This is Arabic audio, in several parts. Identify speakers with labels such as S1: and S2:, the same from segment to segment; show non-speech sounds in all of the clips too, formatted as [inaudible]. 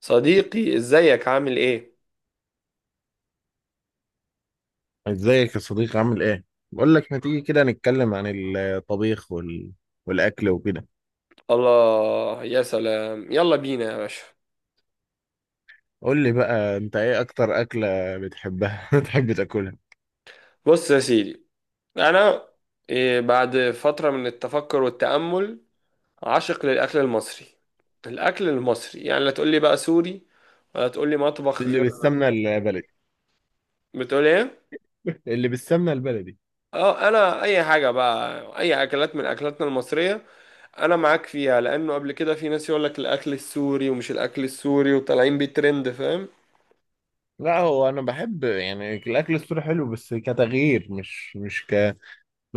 S1: صديقي ازيك عامل ايه؟
S2: ازيك يا صديقي عامل ايه؟ بقول لك ما تيجي كده نتكلم عن الطبيخ والاكل وكده.
S1: الله يا سلام، يلا بينا يا باشا.
S2: قول لي بقى انت ايه اكتر اكلة بتحبها، [laughs] بتحب تاكلها؟
S1: بص يا سيدي. انا إيه، بعد فترة من التفكر والتأمل، عاشق للأكل المصري. الأكل المصري يعني، لا تقول لي بقى سوري ولا تقول لي مطبخ
S2: اللي
S1: غير.
S2: بالسمنة البلدي.
S1: بتقول ايه؟
S2: [laughs] اللي بالسمنة البلدي.
S1: اه، انا اي حاجة بقى، اي اكلات من اكلاتنا المصرية انا معاك فيها، لانه قبل كده في ناس يقول لك الاكل السوري ومش الاكل السوري وطالعين بترند، فاهم.
S2: لا، هو انا بحب يعني الاكل السوري حلو بس كتغيير، مش ان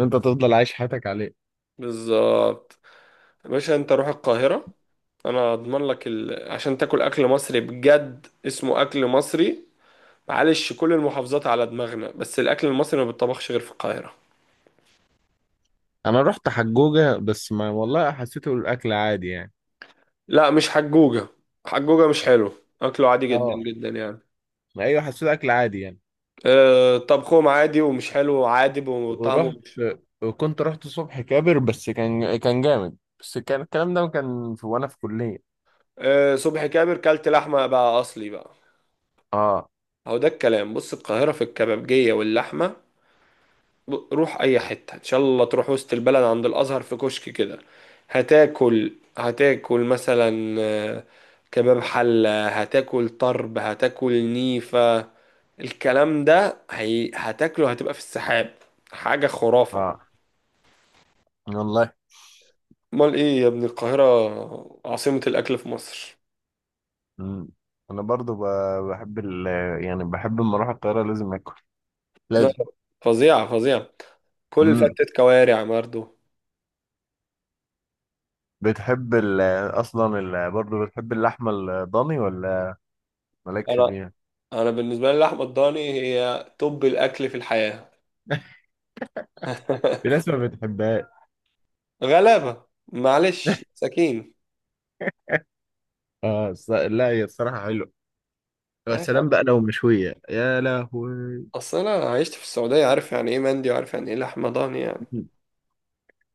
S2: انت تفضل عايش حياتك عليه.
S1: بالظبط. يا باشا انت روح القاهرة، انا اضمن لك عشان تاكل اكل مصري بجد اسمه اكل مصري. معلش كل المحافظات على دماغنا، بس الاكل المصري ما بيتطبخش غير في القاهرة.
S2: انا رحت حجوجة بس ما والله حسيته الاكل عادي يعني.
S1: لا مش حجوجة، حجوجة مش حلو. اكله عادي جدا
S2: اه.
S1: جدا يعني.
S2: ايوه، حسيته اكل عادي يعني.
S1: أه، طبخهم عادي ومش حلو، عادي وطعمه
S2: ورحت
S1: مش...
S2: كنت رحت صبح كابر، بس كان جامد، بس كان الكلام ده كان في وانا في كلية.
S1: أه، صبحي كابر كلت لحمة بقى، اصلي بقى.
S2: اه.
S1: هو ده الكلام. بص القاهرة في الكبابجية واللحمة. روح اي حتة ان شاء الله، تروح وسط البلد عند الازهر في كشك كده، هتاكل، هتاكل مثلا كباب حلة، هتاكل طرب، هتاكل نيفة. الكلام ده هتاكله، هتبقى في السحاب. حاجة خرافة.
S2: اه والله.
S1: امال ايه يا ابني، القاهرة عاصمة الاكل في مصر.
S2: مم. انا برضو بحب يعني بحب لما اروح القاهرة لازم اكل.
S1: لا،
S2: لازم.
S1: فظيعة فظيعة. كل
S2: مم.
S1: فتة كوارع برضه.
S2: بتحب اصلا برضو، بتحب اللحمة الضاني ولا مالكش
S1: انا
S2: فيها؟
S1: انا بالنسبة لي لحمة الضاني هي توب الاكل في الحياة.
S2: [laughs] في
S1: [laughs]
S2: ناس ما بتحبهاش.
S1: غلابة، معلش مساكين.
S2: اه لا، هي الصراحة حلوة. يا سلام بقى لو مشوية، يا لهوي.
S1: اصل انا عشت في السعودية، عارف يعني ايه مندي وعارف يعني ايه لحمة ضاني يعني.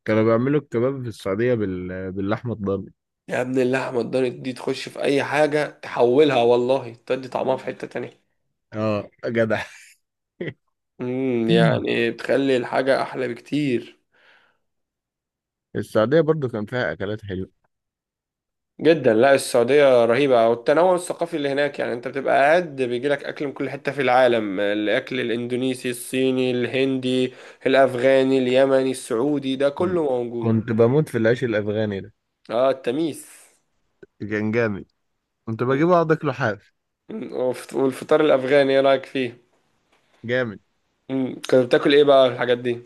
S2: كانوا بيعملوا الكباب في السعودية باللحمة الضاني.
S1: يا ابن اللحمة الضاني دي تخش في اي حاجة تحولها، والله تدي طعمها في حتة تانية.
S2: اه جدع.
S1: امم، يعني
S2: [laughs]
S1: بتخلي الحاجة احلى بكتير
S2: السعودية برضو كان فيها أكلات حلوة.
S1: جدا. لا السعودية رهيبة، والتنوع الثقافي اللي هناك يعني انت بتبقى قاعد بيجيلك اكل من كل حتة في العالم، الاكل الاندونيسي، الصيني، الهندي، الافغاني، اليمني، السعودي، ده كله
S2: مم.
S1: موجود.
S2: كنت بموت في العيش الافغاني ده.
S1: اه التميس.
S2: كان جامد. كنت بجيبه اقعد اكله حاف.
S1: والفطار الافغاني ايه رايك فيه؟
S2: جامد.
S1: كنت بتاكل ايه بقى الحاجات دي؟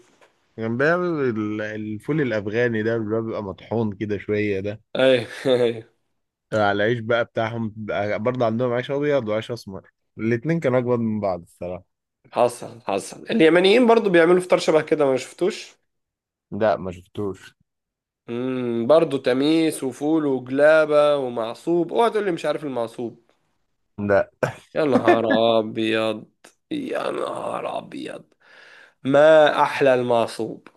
S2: كان بيعمل الفول الافغاني ده اللي هو بيبقى مطحون كده شويه، ده
S1: ايوه، [laughs] ايوه.
S2: على العيش بقى بتاعهم برضه. عندهم عيش ابيض وعيش اسمر، الاتنين كانوا اجمد من بعض الصراحه.
S1: حصل حصل. اليمنيين برضو بيعملوا فطار شبه كده، ما شفتوش.
S2: لا ما شفتوش.
S1: امم، برضو تميس وفول وجلابه ومعصوب. اوعى تقول لي مش عارف المعصوب.
S2: لا.
S1: يا نهار ابيض، يا نهار ابيض، ما احلى المعصوب.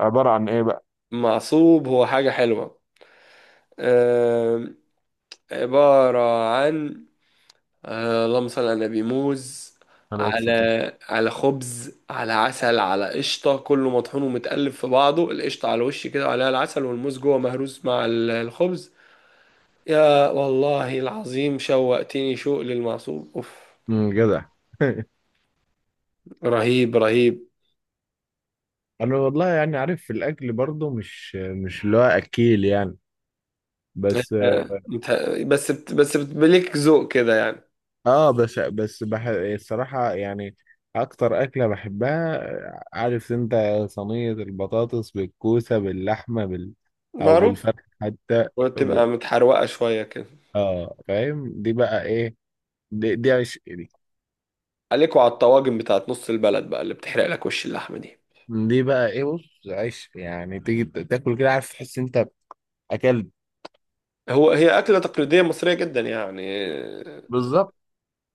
S2: عبارة عن إيه بقى؟
S1: المعصوب هو حاجه حلوه. أم، عباره عن اللهم صل على النبي، موز
S2: على
S1: على
S2: الفطر.
S1: على خبز على عسل على قشطة، كله مطحون ومتقلب في بعضه، القشطة على الوش كده وعليها العسل والموز جوه مهروس مع الخبز. يا والله العظيم شوقتني شوق للمعصوب، اوف.
S2: جدع. [laughs]
S1: رهيب رهيب.
S2: انا والله يعني عارف في الاكل برضه مش اللي هو اكيل يعني، بس.
S1: آه مت- بس بتبليك ذوق كده يعني.
S2: اه، بس الصراحة يعني أكتر أكلة بحبها، عارف أنت، صينية البطاطس بالكوسة باللحمة أو
S1: معروف.
S2: بالفرخ حتى. ب...
S1: وتبقى متحروقة شوية كده.
S2: اه فاهم دي بقى إيه؟ دي عيش دي.
S1: عليكوا على الطواجن بتاعت نص البلد بقى اللي بتحرق لك وش اللحمة دي.
S2: دي بقى إيه؟ بص عيش، يعني تيجي تاكل كده، عارف تحس أنت أكلت.
S1: هي أكلة تقليدية مصرية جدا يعني.
S2: بالظبط.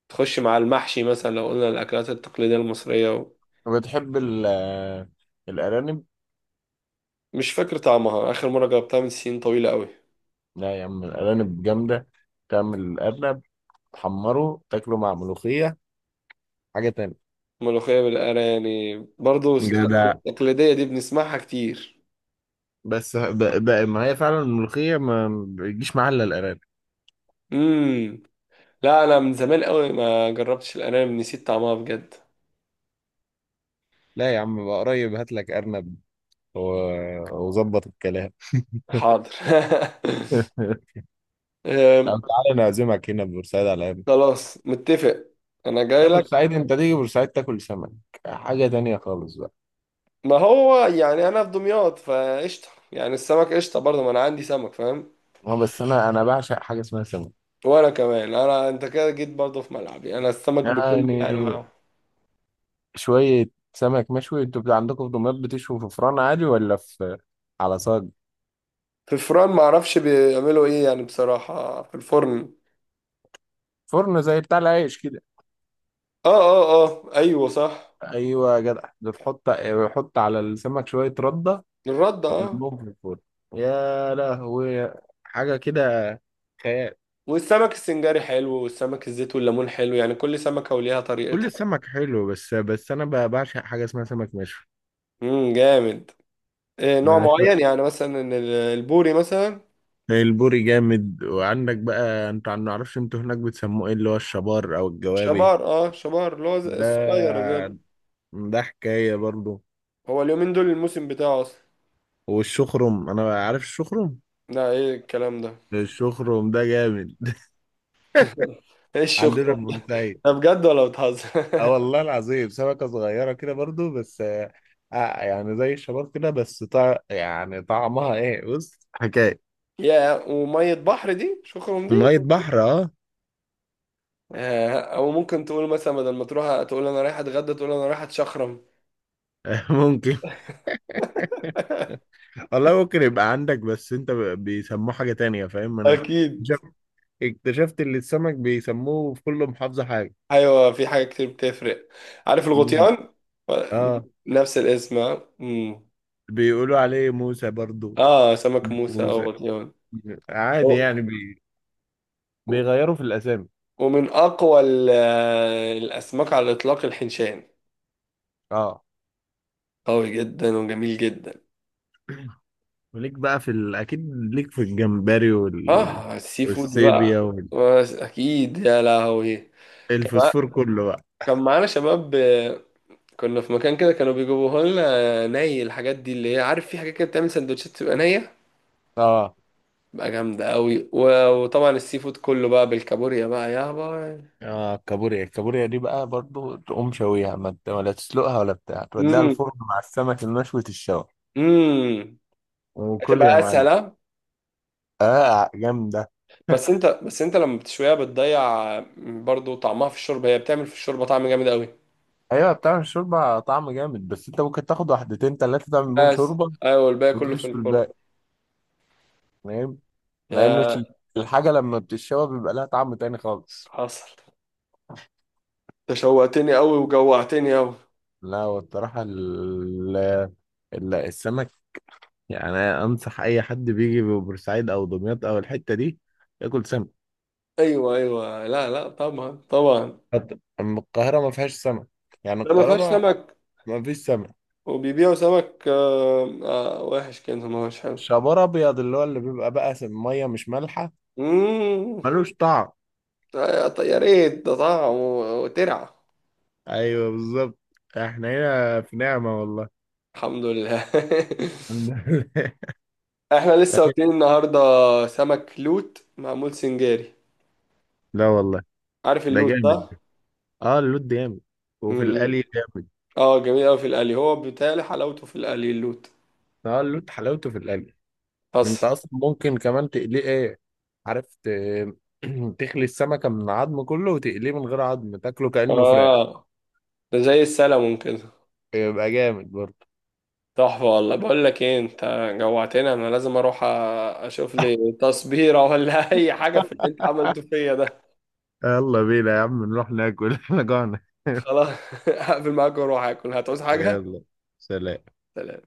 S1: تخش مع المحشي، مثلا لو قلنا الأكلات التقليدية المصرية
S2: بتحب ال... آه، الأرانب؟
S1: مش فاكر طعمها، آخر مرة جربتها من سنين طويلة قوي.
S2: لا يا عم، الأرانب جامدة. تعمل الأرنب، تحمره، تاكله مع ملوخية، حاجة تانية.
S1: ملوخية بالقرا يعني برضو،
S2: ده ده.
S1: التقليدية دي بنسمعها كتير.
S2: بس بقى ما هي فعلا الملوخية ما بتجيش معاها إلا الأرانب.
S1: امم. لا أنا من زمان قوي ما جربتش الأرانب، نسيت طعمها بجد.
S2: لا يا عم، بقى قريب هات لك أرنب وظبط الكلام.
S1: حاضر. [laughs]
S2: [laughs]
S1: أم،
S2: طب تعالى نعزمك هنا في بورسعيد على الأرنب.
S1: خلاص متفق. أنا جاي
S2: لا،
S1: لك.
S2: بورسعيد أنت تيجي بورسعيد تاكل سمك، حاجة تانية خالص بقى.
S1: ما هو يعني أنا في دمياط فقشطة يعني، السمك قشطة برضه، ما أنا عندي سمك فاهم.
S2: هو بس أنا بعشق حاجة اسمها سمك.
S1: وأنا كمان، أنت كده جيت برضه في ملعبي، أنا السمك بكل
S2: يعني
S1: أنواعه.
S2: شوية سمك مشوي، أنتوا بتاع عندكم في دمياط بتشوي في فرن عادي ولا في، على صاج؟
S1: في الفرن ما اعرفش بيعملوا ايه يعني، بصراحة في الفرن.
S2: فرن زي بتاع العيش كده.
S1: اه اه اه، ايوه صح.
S2: أيوة يا جدع، يحط على السمك شوية ردة
S1: الرد، اه.
S2: وبيضربهم في الفرن. يا لهوي، حاجة كده، خيال.
S1: والسمك السنجاري حلو، والسمك الزيت والليمون حلو، يعني كل سمكة وليها
S2: كل
S1: طريقتها.
S2: السمك حلو، بس أنا بعشق حاجة اسمها سمك مشوي.
S1: امم، جامد. إيه نوع
S2: أنا عشق.
S1: معين يعني مثلا البوري مثلا؟
S2: البوري جامد، وعندك بقى أنت ما أعرفش أنتوا هناك بتسموه إيه اللي هو الشبار أو الجوابي.
S1: شبار، اه شبار، اللي هو
S2: ده
S1: الصغير ده.
S2: ده حكاية برضو.
S1: هو اليومين دول الموسم بتاعه اصلا.
S2: والشخرم، أنا عارف الشخرم.
S1: لا ايه الكلام ده.
S2: الشخرم ده جامد. [laughs]
S1: [laughs] ايه
S2: عندنا
S1: الشخرم؟
S2: في بورسعيد.
S1: ده بجد ولا بتهزر؟
S2: اه
S1: [laughs]
S2: والله العظيم، سمكة صغيرة كده برضو، بس آه، يعني زي الشباب كده، بس يعني طعمها ايه؟ بص حكاية.
S1: يا ومية بحر دي، شخرم دي.
S2: مية بحر، اه.
S1: آه، او ممكن تقول مثلا بدل ما تروح تقول انا رايح اتغدى، تقول انا رايح اتشخرم.
S2: [laughs] ممكن.
S1: [laughs]
S2: والله ممكن يبقى عندك بس انت بيسموه حاجة تانية، فاهم؟ انا
S1: اكيد.
S2: اكتشفت اكتشفت ان السمك بيسموه في كل محافظة حاجة.
S1: ايوه، في حاجه كتير بتفرق. عارف
S2: مم.
S1: الغطيان؟
S2: اه.
S1: نفس الاسم، اه. أمم.
S2: بيقولوا عليه موسى برضو.
S1: آه، سمك موسى
S2: موسى.
S1: او غطيان.
S2: عادي
S1: و-
S2: يعني بيغيروا في الاسامي.
S1: ومن اقوى الاسماك على الاطلاق الحنشان.
S2: اه.
S1: قوي جدا وجميل جدا.
S2: وليك بقى اكيد ليك في الجمبري
S1: اه، السي فود
S2: والسيبيا
S1: بقى. بس اكيد يا لهوي. كان مع-
S2: والفوسفور كله بقى.
S1: كان معانا شباب، كنا في مكان كده كانوا بيجيبوها لنا ني، الحاجات دي اللي هي عارف، في حاجات كده بتعمل سندوتشات تبقى نية
S2: اه.
S1: بقى، جامدة قوي. وطبعا السي فود كله بقى بالكابوريا بقى، يا باي.
S2: اه الكابوريا دي بقى برضو تقوم شويها، ما ولا تسلقها ولا بتاع، توديها
S1: امم.
S2: الفرن مع السمك المشوي الشوي
S1: امم.
S2: وكل يا
S1: هتبقى اسهل،
S2: معلم.
S1: ها؟
S2: اه جامدة. [laughs]
S1: بس انت لما بتشويها بتضيع برضو طعمها في الشوربة، هي بتعمل في الشوربة طعم جامد قوي.
S2: ايوه، بتعمل شوربة طعم جامد، بس انت ممكن تاخد واحدتين تلاتة تعمل بيهم
S1: بس
S2: شوربة
S1: ايوه، الباقي كله في
S2: وتشوي
S1: الفرن.
S2: الباقي، فاهم؟ لان
S1: يا
S2: الحاجة لما بتتشوى بيبقى لها طعم تاني خالص.
S1: حصل. تشوقتني قوي وجوعتني قوي.
S2: لا والصراحة السمك، يعني أنا أنصح أي حد بيجي ببورسعيد أو دمياط أو الحتة دي ياكل سمك.
S1: ايوه ايوه، لا لا طبعا طبعا.
S2: أما القاهرة ما فيهاش سمك، يعني
S1: ده ما
S2: القاهرة
S1: فيهاش
S2: ما
S1: سمك.
S2: ما فيش سمك.
S1: وبيبيعوا سمك وحش كده ما هوش حلو.
S2: شبار أبيض اللي هو اللي بيبقى بقى مية مش مالحة،
S1: مم.
S2: ملوش طعم.
S1: طيب يا ريت ده طعم وترعة.
S2: أيوه بالظبط. إحنا هنا في نعمة والله.
S1: الحمد لله. [laughs]
S2: الحمد لله.
S1: احنا لسه واكلين
S2: [laughs]
S1: النهارده سمك لوت معمول سنجاري.
S2: لا والله.
S1: عارف
S2: ده
S1: اللوت
S2: جامد.
S1: ده؟
S2: اه اللوت جامد وفي
S1: مم.
S2: القلي جامد.
S1: اه، جميل قوي في القلي، هو بيتهيألي حلاوته في القلي اللوت.
S2: اه اللوت حلاوته في القلي. انت
S1: بس.
S2: اصلا ممكن كمان تقليه، ايه عارف [clears throat] تخلي السمكة من العظم كله وتقليه من غير عظم، تاكله كأنه فراخ.
S1: اه ده زي السلمون كده.
S2: يبقى جامد برضه.
S1: تحفة والله. بقول لك ايه انت، جوعتنا. انا لازم اروح اشوف لي تصبيرة، ولا [laughs] اي حاجة في اللي
S2: [laughs]
S1: انت عملته فيا ده.
S2: يلا بينا يا عم نروح ناكل، [laughs] احنا جوعنا.
S1: خلاص. [laughs] هقفل معاك واروح اكل. هتعوز حاجة؟
S2: يلا. سلام.
S1: سلام.